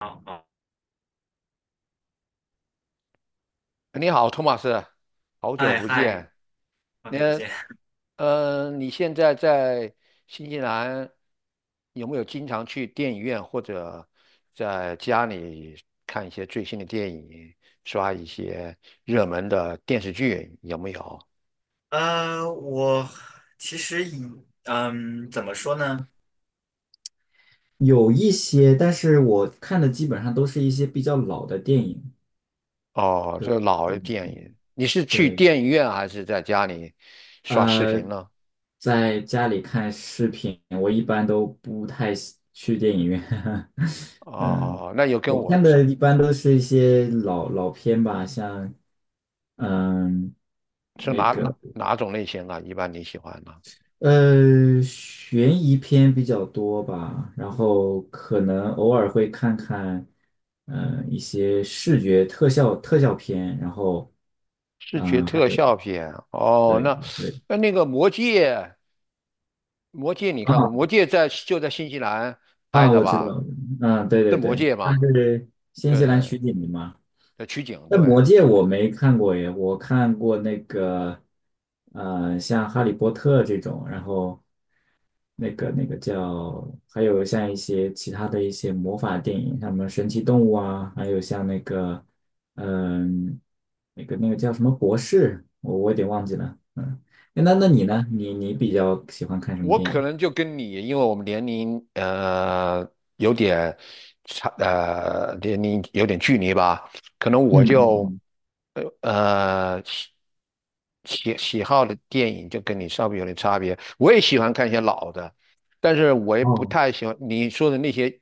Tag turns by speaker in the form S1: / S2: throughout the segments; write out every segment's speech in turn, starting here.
S1: 好，好，
S2: 你好，托马斯，好久
S1: 嗨
S2: 不
S1: 嗨，
S2: 见。
S1: 好久不
S2: 那
S1: 见。
S2: 你现在在新西兰有没有经常去电影院或者在家里看一些最新的电影，刷一些热门的电视剧？有没有？
S1: 我其实以怎么说呢？有一些，但是我看的基本上都是一些比较老的电影。
S2: 哦，
S1: 对
S2: 就老的
S1: 对
S2: 电影，你是去
S1: 对，
S2: 电影院还是在家里刷视频
S1: 呃，
S2: 呢？
S1: 在家里看视频，我一般都不太喜去电影院。嗯，
S2: 哦，那有跟
S1: 我
S2: 我
S1: 看
S2: 差
S1: 的一般都是一些老片吧，像嗯。
S2: 是
S1: 那
S2: 哪哪
S1: 个。
S2: 哪种类型啊？一般你喜欢呢？
S1: 悬疑片比较多吧，然后可能偶尔会看看，一些视觉特效片，然后，
S2: 视觉
S1: 嗯、还
S2: 特
S1: 有
S2: 效片啊哦，
S1: 对
S2: 那
S1: 对
S2: 个《魔戒》，《魔戒》你看过？
S1: 啊
S2: 《魔戒》在就在新西兰拍
S1: 啊，
S2: 的
S1: 我知
S2: 吧？
S1: 道，嗯、对
S2: 是
S1: 对
S2: 《魔
S1: 对，
S2: 戒》
S1: 它
S2: 吗？
S1: 是新
S2: 对
S1: 西兰取
S2: 对，
S1: 景的嘛。
S2: 在取景，
S1: 那《魔
S2: 对
S1: 戒》
S2: 取景。
S1: 我没看过耶，我看过那个，像《哈利波特》这种，然后那个叫，还有像一些其他的一些魔法电影，像什么神奇动物啊，还有像那个，嗯、那个叫什么博士，我有点忘记了，嗯，诶那
S2: 哦，
S1: 你呢？你比较喜欢看什么
S2: 我
S1: 电
S2: 可
S1: 影？
S2: 能就跟你，因为我们年龄有点差，年龄有点距离吧，可能我
S1: 嗯嗯
S2: 就
S1: 嗯，
S2: 呃呃喜喜好的电影就跟你稍微有点差别。我也喜欢看一些老的，但是我也不
S1: 哦，
S2: 太喜欢你说的那些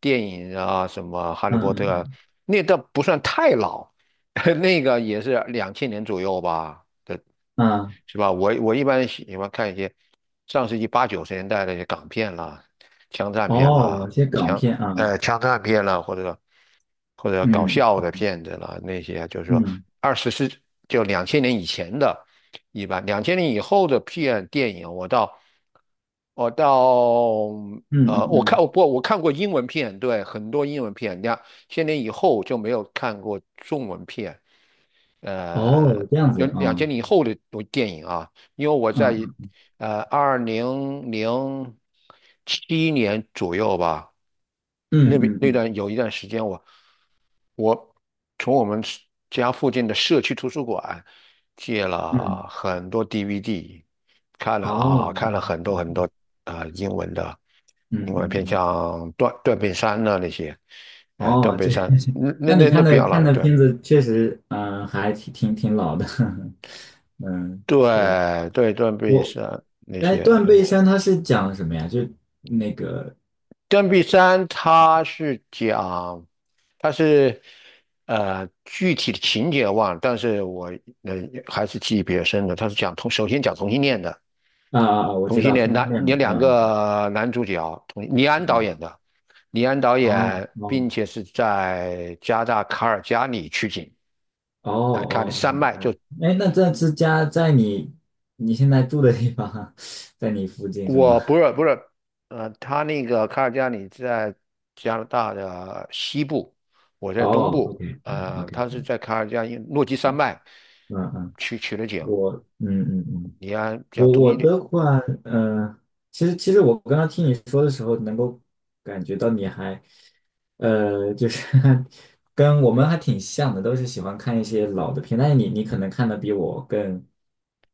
S2: 电影啊，什么《哈利
S1: 嗯
S2: 波特》，啊，
S1: 嗯
S2: 那倒不算太老，那个也是2000年左右吧的，
S1: 嗯，啊，
S2: 是吧？我一般喜欢看一些上世纪八九十年代的一些港片啦、枪战片
S1: 哦，
S2: 啦、
S1: 一些港片啊，
S2: 枪战片啦，或者搞
S1: 嗯
S2: 笑的片子啦，那些就是说
S1: 嗯
S2: 二十世就两千年以前的，一般两千年以后的电影，我到我到
S1: 嗯嗯
S2: 呃我看
S1: 嗯。
S2: 我不我看过英文片，对，很多英文片，你看。千年以后就没有看过中文片，呃，
S1: 哦，这样子
S2: 有两
S1: 啊，
S2: 千年以后的电影啊，因为我在
S1: 嗯
S2: 2007年左右吧，
S1: 嗯
S2: 那边
S1: 嗯
S2: 那
S1: 嗯
S2: 段有一段时间我从我们是家附近的社区图书馆借了
S1: 嗯，
S2: 很多 DVD，
S1: 哦，
S2: 看了
S1: 嗯
S2: 很多
S1: 嗯
S2: 很多
S1: 嗯
S2: 啊、
S1: 嗯
S2: 英文片，
S1: 嗯，嗯
S2: 像断背山呐那些，《断
S1: 哦，
S2: 背
S1: 这，
S2: 山那 那
S1: 那你
S2: 那那
S1: 看
S2: 不
S1: 的
S2: 要
S1: 看
S2: 了，
S1: 的
S2: 对
S1: 片子确实，嗯、还挺老的，嗯，对，
S2: 对对，断背
S1: 我，
S2: 山那
S1: 哎，《断
S2: 些，
S1: 背山》它是讲什么呀？就那个
S2: 断臂山它是讲，它是具体的情节忘了，但是我呃还是记忆比较深的。它是讲同，首先讲同性恋的，
S1: 啊啊啊，我
S2: 同
S1: 知
S2: 性
S1: 道
S2: 恋
S1: 同性
S2: 男
S1: 恋
S2: 有
S1: 嘛，
S2: 两
S1: 嗯
S2: 个男主角，同李安
S1: 嗯，
S2: 导
S1: 嗯
S2: 演的，李安导
S1: 哦
S2: 演，并
S1: 哦
S2: 且是在加拿大卡尔加里取景，
S1: 哦
S2: 看的
S1: 哦
S2: 山
S1: 哦
S2: 脉
S1: 哦，
S2: 就
S1: 哎，那这是家在你你现在住的地方，在你附近是
S2: 我
S1: 吗？
S2: 不是，他那个卡尔加里在加拿大的西部，我在东
S1: 哦
S2: 部，
S1: ，OK，OK。
S2: 他是在卡尔加里诺基山脉
S1: 嗯嗯，
S2: 去取的景。
S1: 我嗯嗯嗯，
S2: 你要讲
S1: 我
S2: 中
S1: 我
S2: 点。
S1: 的话，嗯，其实我刚刚听你说的时候，能够感觉到你还，就是 跟我们还挺像的，都是喜欢看一些老的片，但是你可能看的比我更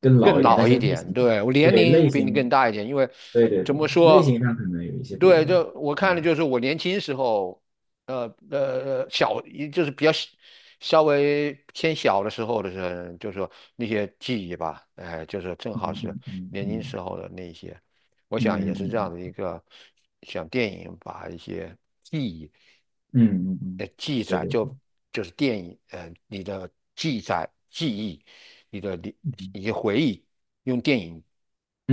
S1: 更老
S2: 更
S1: 一点，但
S2: 老一
S1: 是类
S2: 点，
S1: 型，
S2: 对，我年
S1: 对类
S2: 龄比你更
S1: 型，
S2: 大一点，因为
S1: 对对
S2: 怎
S1: 对，
S2: 么
S1: 类型
S2: 说，
S1: 上可能有一些不一
S2: 对，
S1: 样。
S2: 就我看的
S1: 嗯
S2: 就是我年轻时候，呃呃呃小，就是比较小稍微偏小的时候就是说那些记忆吧，哎、就是正
S1: 嗯
S2: 好是
S1: 嗯嗯
S2: 年轻时
S1: 嗯
S2: 候的那些。我
S1: 嗯
S2: 想也
S1: 嗯
S2: 是这样的一
S1: 嗯
S2: 个，像电影把一些记忆，
S1: 嗯嗯嗯，嗯
S2: 记
S1: 对
S2: 载
S1: 对对。
S2: 就是电影，你的记载、记忆、你一些回忆，用电影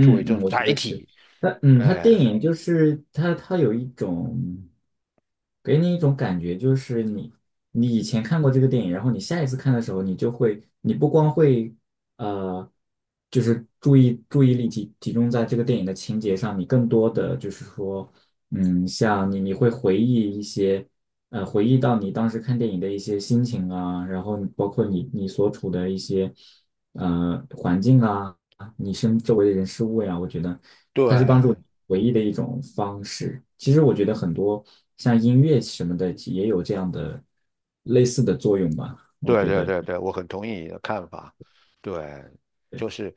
S2: 作为一种
S1: 嗯，我觉
S2: 载
S1: 得是。
S2: 体，
S1: 它嗯，它电
S2: 哎、
S1: 影就是它它有一种给你一种感觉，就是你你以前看过这个电影，然后你下一次看的时候，你就会你不光会呃，就是注意力集中在这个电影的情节上，你更多的就是说，嗯，像你会回忆一些回忆到你当时看电影的一些心情啊，然后包括你你所处的一些呃环境啊。啊，你身周围的人事物呀，我觉得它是帮助你
S2: 对。
S1: 唯一的一种方式。其实我觉得很多像音乐什么的也有这样的类似的作用吧。我
S2: 对
S1: 觉
S2: 对
S1: 得，
S2: 对对，我很同意你的看法。对，
S1: 对，
S2: 就是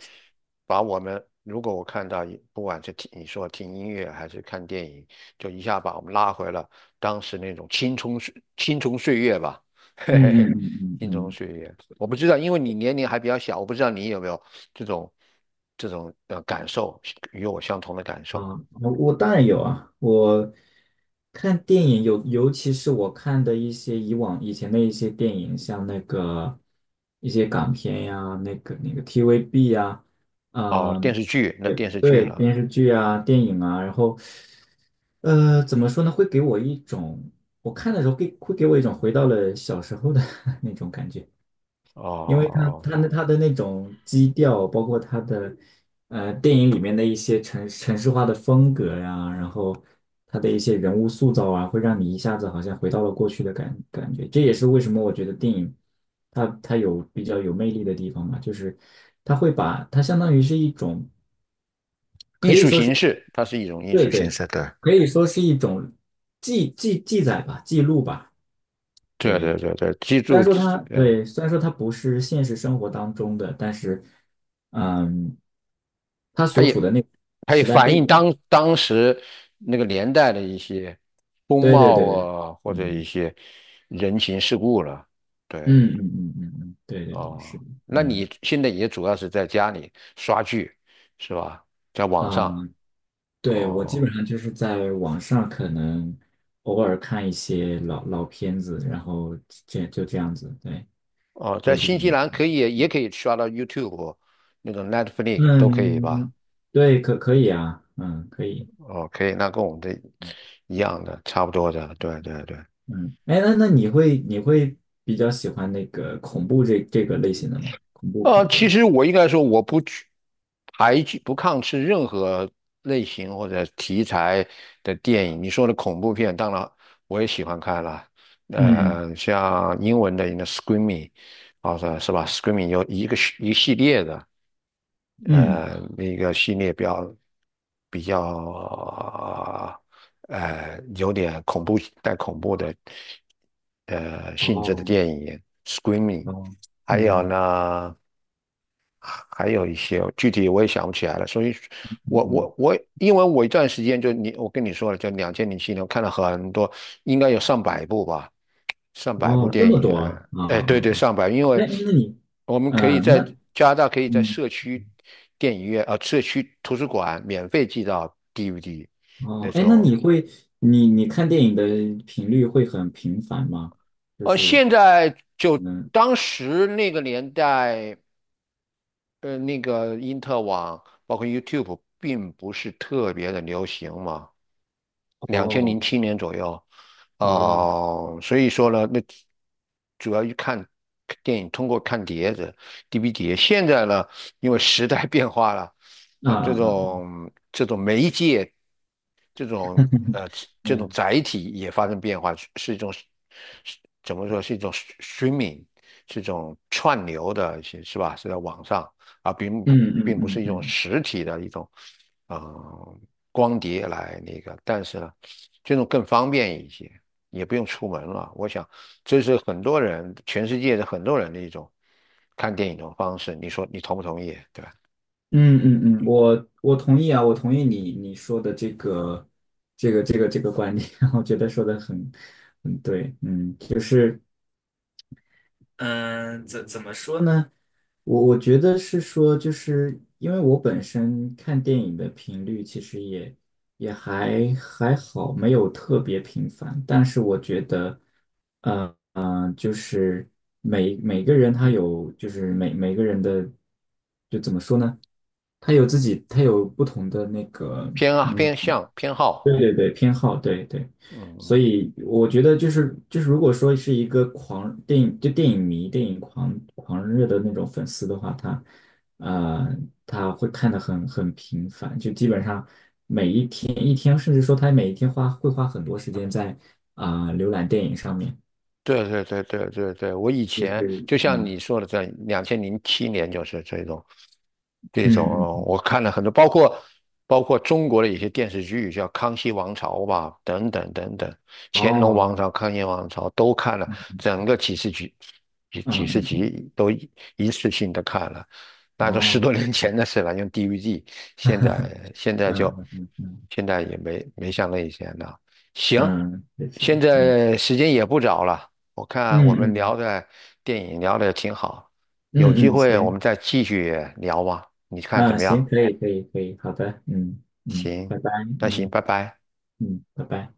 S2: 把我们，如果我看到不管是听你说听音乐还是看电影，就一下把我们拉回了当时那种青葱岁月吧，嘿嘿
S1: 嗯嗯
S2: 嘿，
S1: 嗯
S2: 青葱
S1: 嗯
S2: 岁月。我不知道，因为你年龄还比较小，我不知道你有没有这种这种感受，与我相同的感
S1: 嗯，
S2: 受。
S1: 啊，我我当然有啊。我看电影有，尤其是我看的一些以往以前的一些电影，像那个一些港片呀，那个 TVB 呀，
S2: 哦，
S1: 嗯、对
S2: 电视剧
S1: 对，
S2: 了，
S1: 电视剧啊、电影啊，然后怎么说呢？会给我一种，我看的时候给会给我一种回到了小时候的 那种感觉，因为他
S2: 哦，
S1: 他那他的那种基调，包括他的呃电影里面的一些城市化的风格呀、然后他的一些人物塑造啊，会让你一下子好像回到了过去的感觉。这也是为什么我觉得电影它它有比较有魅力的地方嘛，就是它会把它相当于是一种。可
S2: 艺
S1: 以
S2: 术
S1: 说是。
S2: 形式，它是一种艺
S1: 对
S2: 术形
S1: 对，
S2: 式，对。
S1: 可以说是一种记载吧，记录吧。
S2: 对
S1: 对，
S2: 对
S1: 就
S2: 对对，记
S1: 虽然
S2: 住，
S1: 说它
S2: 对，
S1: 对，虽然说它不是现实生活当中的，但是，嗯，它
S2: 它
S1: 所
S2: 也
S1: 处的那个
S2: 它也
S1: 时代
S2: 反
S1: 背
S2: 映
S1: 景，
S2: 当时那个年代的一些风
S1: 对对对
S2: 貌
S1: 对，
S2: 啊，或者一
S1: 嗯
S2: 些人情世故了。对，
S1: 嗯嗯嗯嗯嗯，对对对，是
S2: 哦，
S1: 的，
S2: 那
S1: 嗯
S2: 你现在也主要是在家里刷剧是吧？在网
S1: 啊，
S2: 上，
S1: 对，我基本
S2: 哦
S1: 上就是在网上可能偶尔看一些老片子，然后这就这样子，对，
S2: 哦，在
S1: 会比较
S2: 新西兰也可以刷到 YouTube 那种 Netflix 都可以吧？
S1: 嗯，对，可可以啊，嗯，可以，
S2: 哦，可以，那跟我们的一样的，差不多的，对对对。
S1: 嗯，哎，那那你会比较喜欢那个恐怖这这个类型的吗？恐怖片这
S2: 其
S1: 种？
S2: 实我应该说，我不去排拒、不抗斥任何类型或者题材的电影。你说的恐怖片，当然我也喜欢看了。
S1: 嗯
S2: 像英文的那 Screaming，好像是吧？Screaming 有一个系列的，
S1: 嗯，
S2: 那个系列比较有点恐怖带恐怖的性质的
S1: 哦
S2: 电影，Screaming。
S1: 哦，
S2: 还有
S1: 嗯
S2: 呢，还有一些具体我也想不起来了，所以
S1: 嗯
S2: 我，
S1: 嗯，
S2: 我我因为我一段时间就你，我跟你说了，就两千零七年我看了很多，应该有上百部吧，上百部
S1: 哦，这
S2: 电
S1: 么
S2: 影，
S1: 多啊啊
S2: 哎，对
S1: 啊！
S2: 对，
S1: 啊
S2: 上百，因为
S1: 哎，那你，
S2: 我们可以
S1: 嗯，
S2: 在
S1: 那
S2: 加拿大可以在
S1: 嗯
S2: 社区电影院，啊，社区图书馆免费寄到 DVD，
S1: 哦，
S2: 那时
S1: 哎，那
S2: 候，
S1: 你会你你看电影的频率会很频繁吗？就是
S2: 现在就
S1: 嗯，
S2: 当时那个年代。那个因特网包括 YouTube 并不是特别的流行嘛。两千
S1: 哦
S2: 零七年左右，
S1: 哦，
S2: 哦、所以说呢，那主要去看电影，通过看碟子、DVD 现在呢，因为时代变化了，
S1: 啊
S2: 那么
S1: 啊啊，啊
S2: 这种媒介，这种 呃这种
S1: 嗯
S2: 载体也发生变化，是是一种是怎么说是一种 streaming，是一种串流的，一些是吧？是在网上啊，
S1: 嗯嗯
S2: 并不是
S1: 嗯
S2: 一种
S1: 嗯
S2: 实体的一种。嗯，光碟来那个，但是呢，这种更方便一些，也不用出门了。我想，这是很多人，全世界的很多人的一种看电影的方式。你说你同不同意？对吧？
S1: 嗯嗯嗯，我我同意啊，我同意你你说的这个这个观点，我觉得说的很很对，嗯，就是。嗯，怎么说呢？我觉得是说，就是因为我本身看电影的频率其实也也还还好，没有特别频繁。但是我觉得，呃呃，就是每每个人他有，就是每每个人的，就怎么说呢？他有自己，他有不同的那个，
S2: 偏啊，
S1: 嗯。
S2: 偏向偏好，
S1: 对对对，偏好，对对，所
S2: 嗯。
S1: 以我觉得就是就是，如果说是一个狂电影就电影迷、电影狂热的那种粉丝的话，他呃他会看得很很频繁，就基本上一天，甚至说他每一天花会花很多时间在啊、浏览电影上面，
S2: 对对对对对对，我以
S1: 就
S2: 前
S1: 是
S2: 就像
S1: 嗯
S2: 你说的这样，两千零七年就是这种，这种
S1: 嗯嗯
S2: 我看了很多，包括中国的一些电视剧，叫《康熙王朝》吧，等等等等，《乾隆王
S1: 哦
S2: 朝》《康熙王朝》都看了，整个几十集，几十
S1: 嗯嗯
S2: 集都一次性的看了，
S1: 嗯
S2: 那都十
S1: 哦
S2: 多年前的事了，用 DVD，现
S1: 嗯
S2: 在现在就
S1: 嗯嗯嗯
S2: 现在也没像那以前了。行，
S1: 嗯，对是
S2: 现
S1: 的，嗯
S2: 在时间也不早了。我看
S1: 嗯
S2: 我们
S1: 嗯
S2: 聊的电影聊的挺好，有机
S1: 嗯嗯，
S2: 会我
S1: 行。
S2: 们再继续聊吧，你看怎
S1: 啊，
S2: 么
S1: 行，
S2: 样？
S1: 可以，可以，可以，好的，嗯嗯，
S2: 行，
S1: 拜拜，
S2: 那行，
S1: 嗯
S2: 拜拜。
S1: 嗯，拜拜。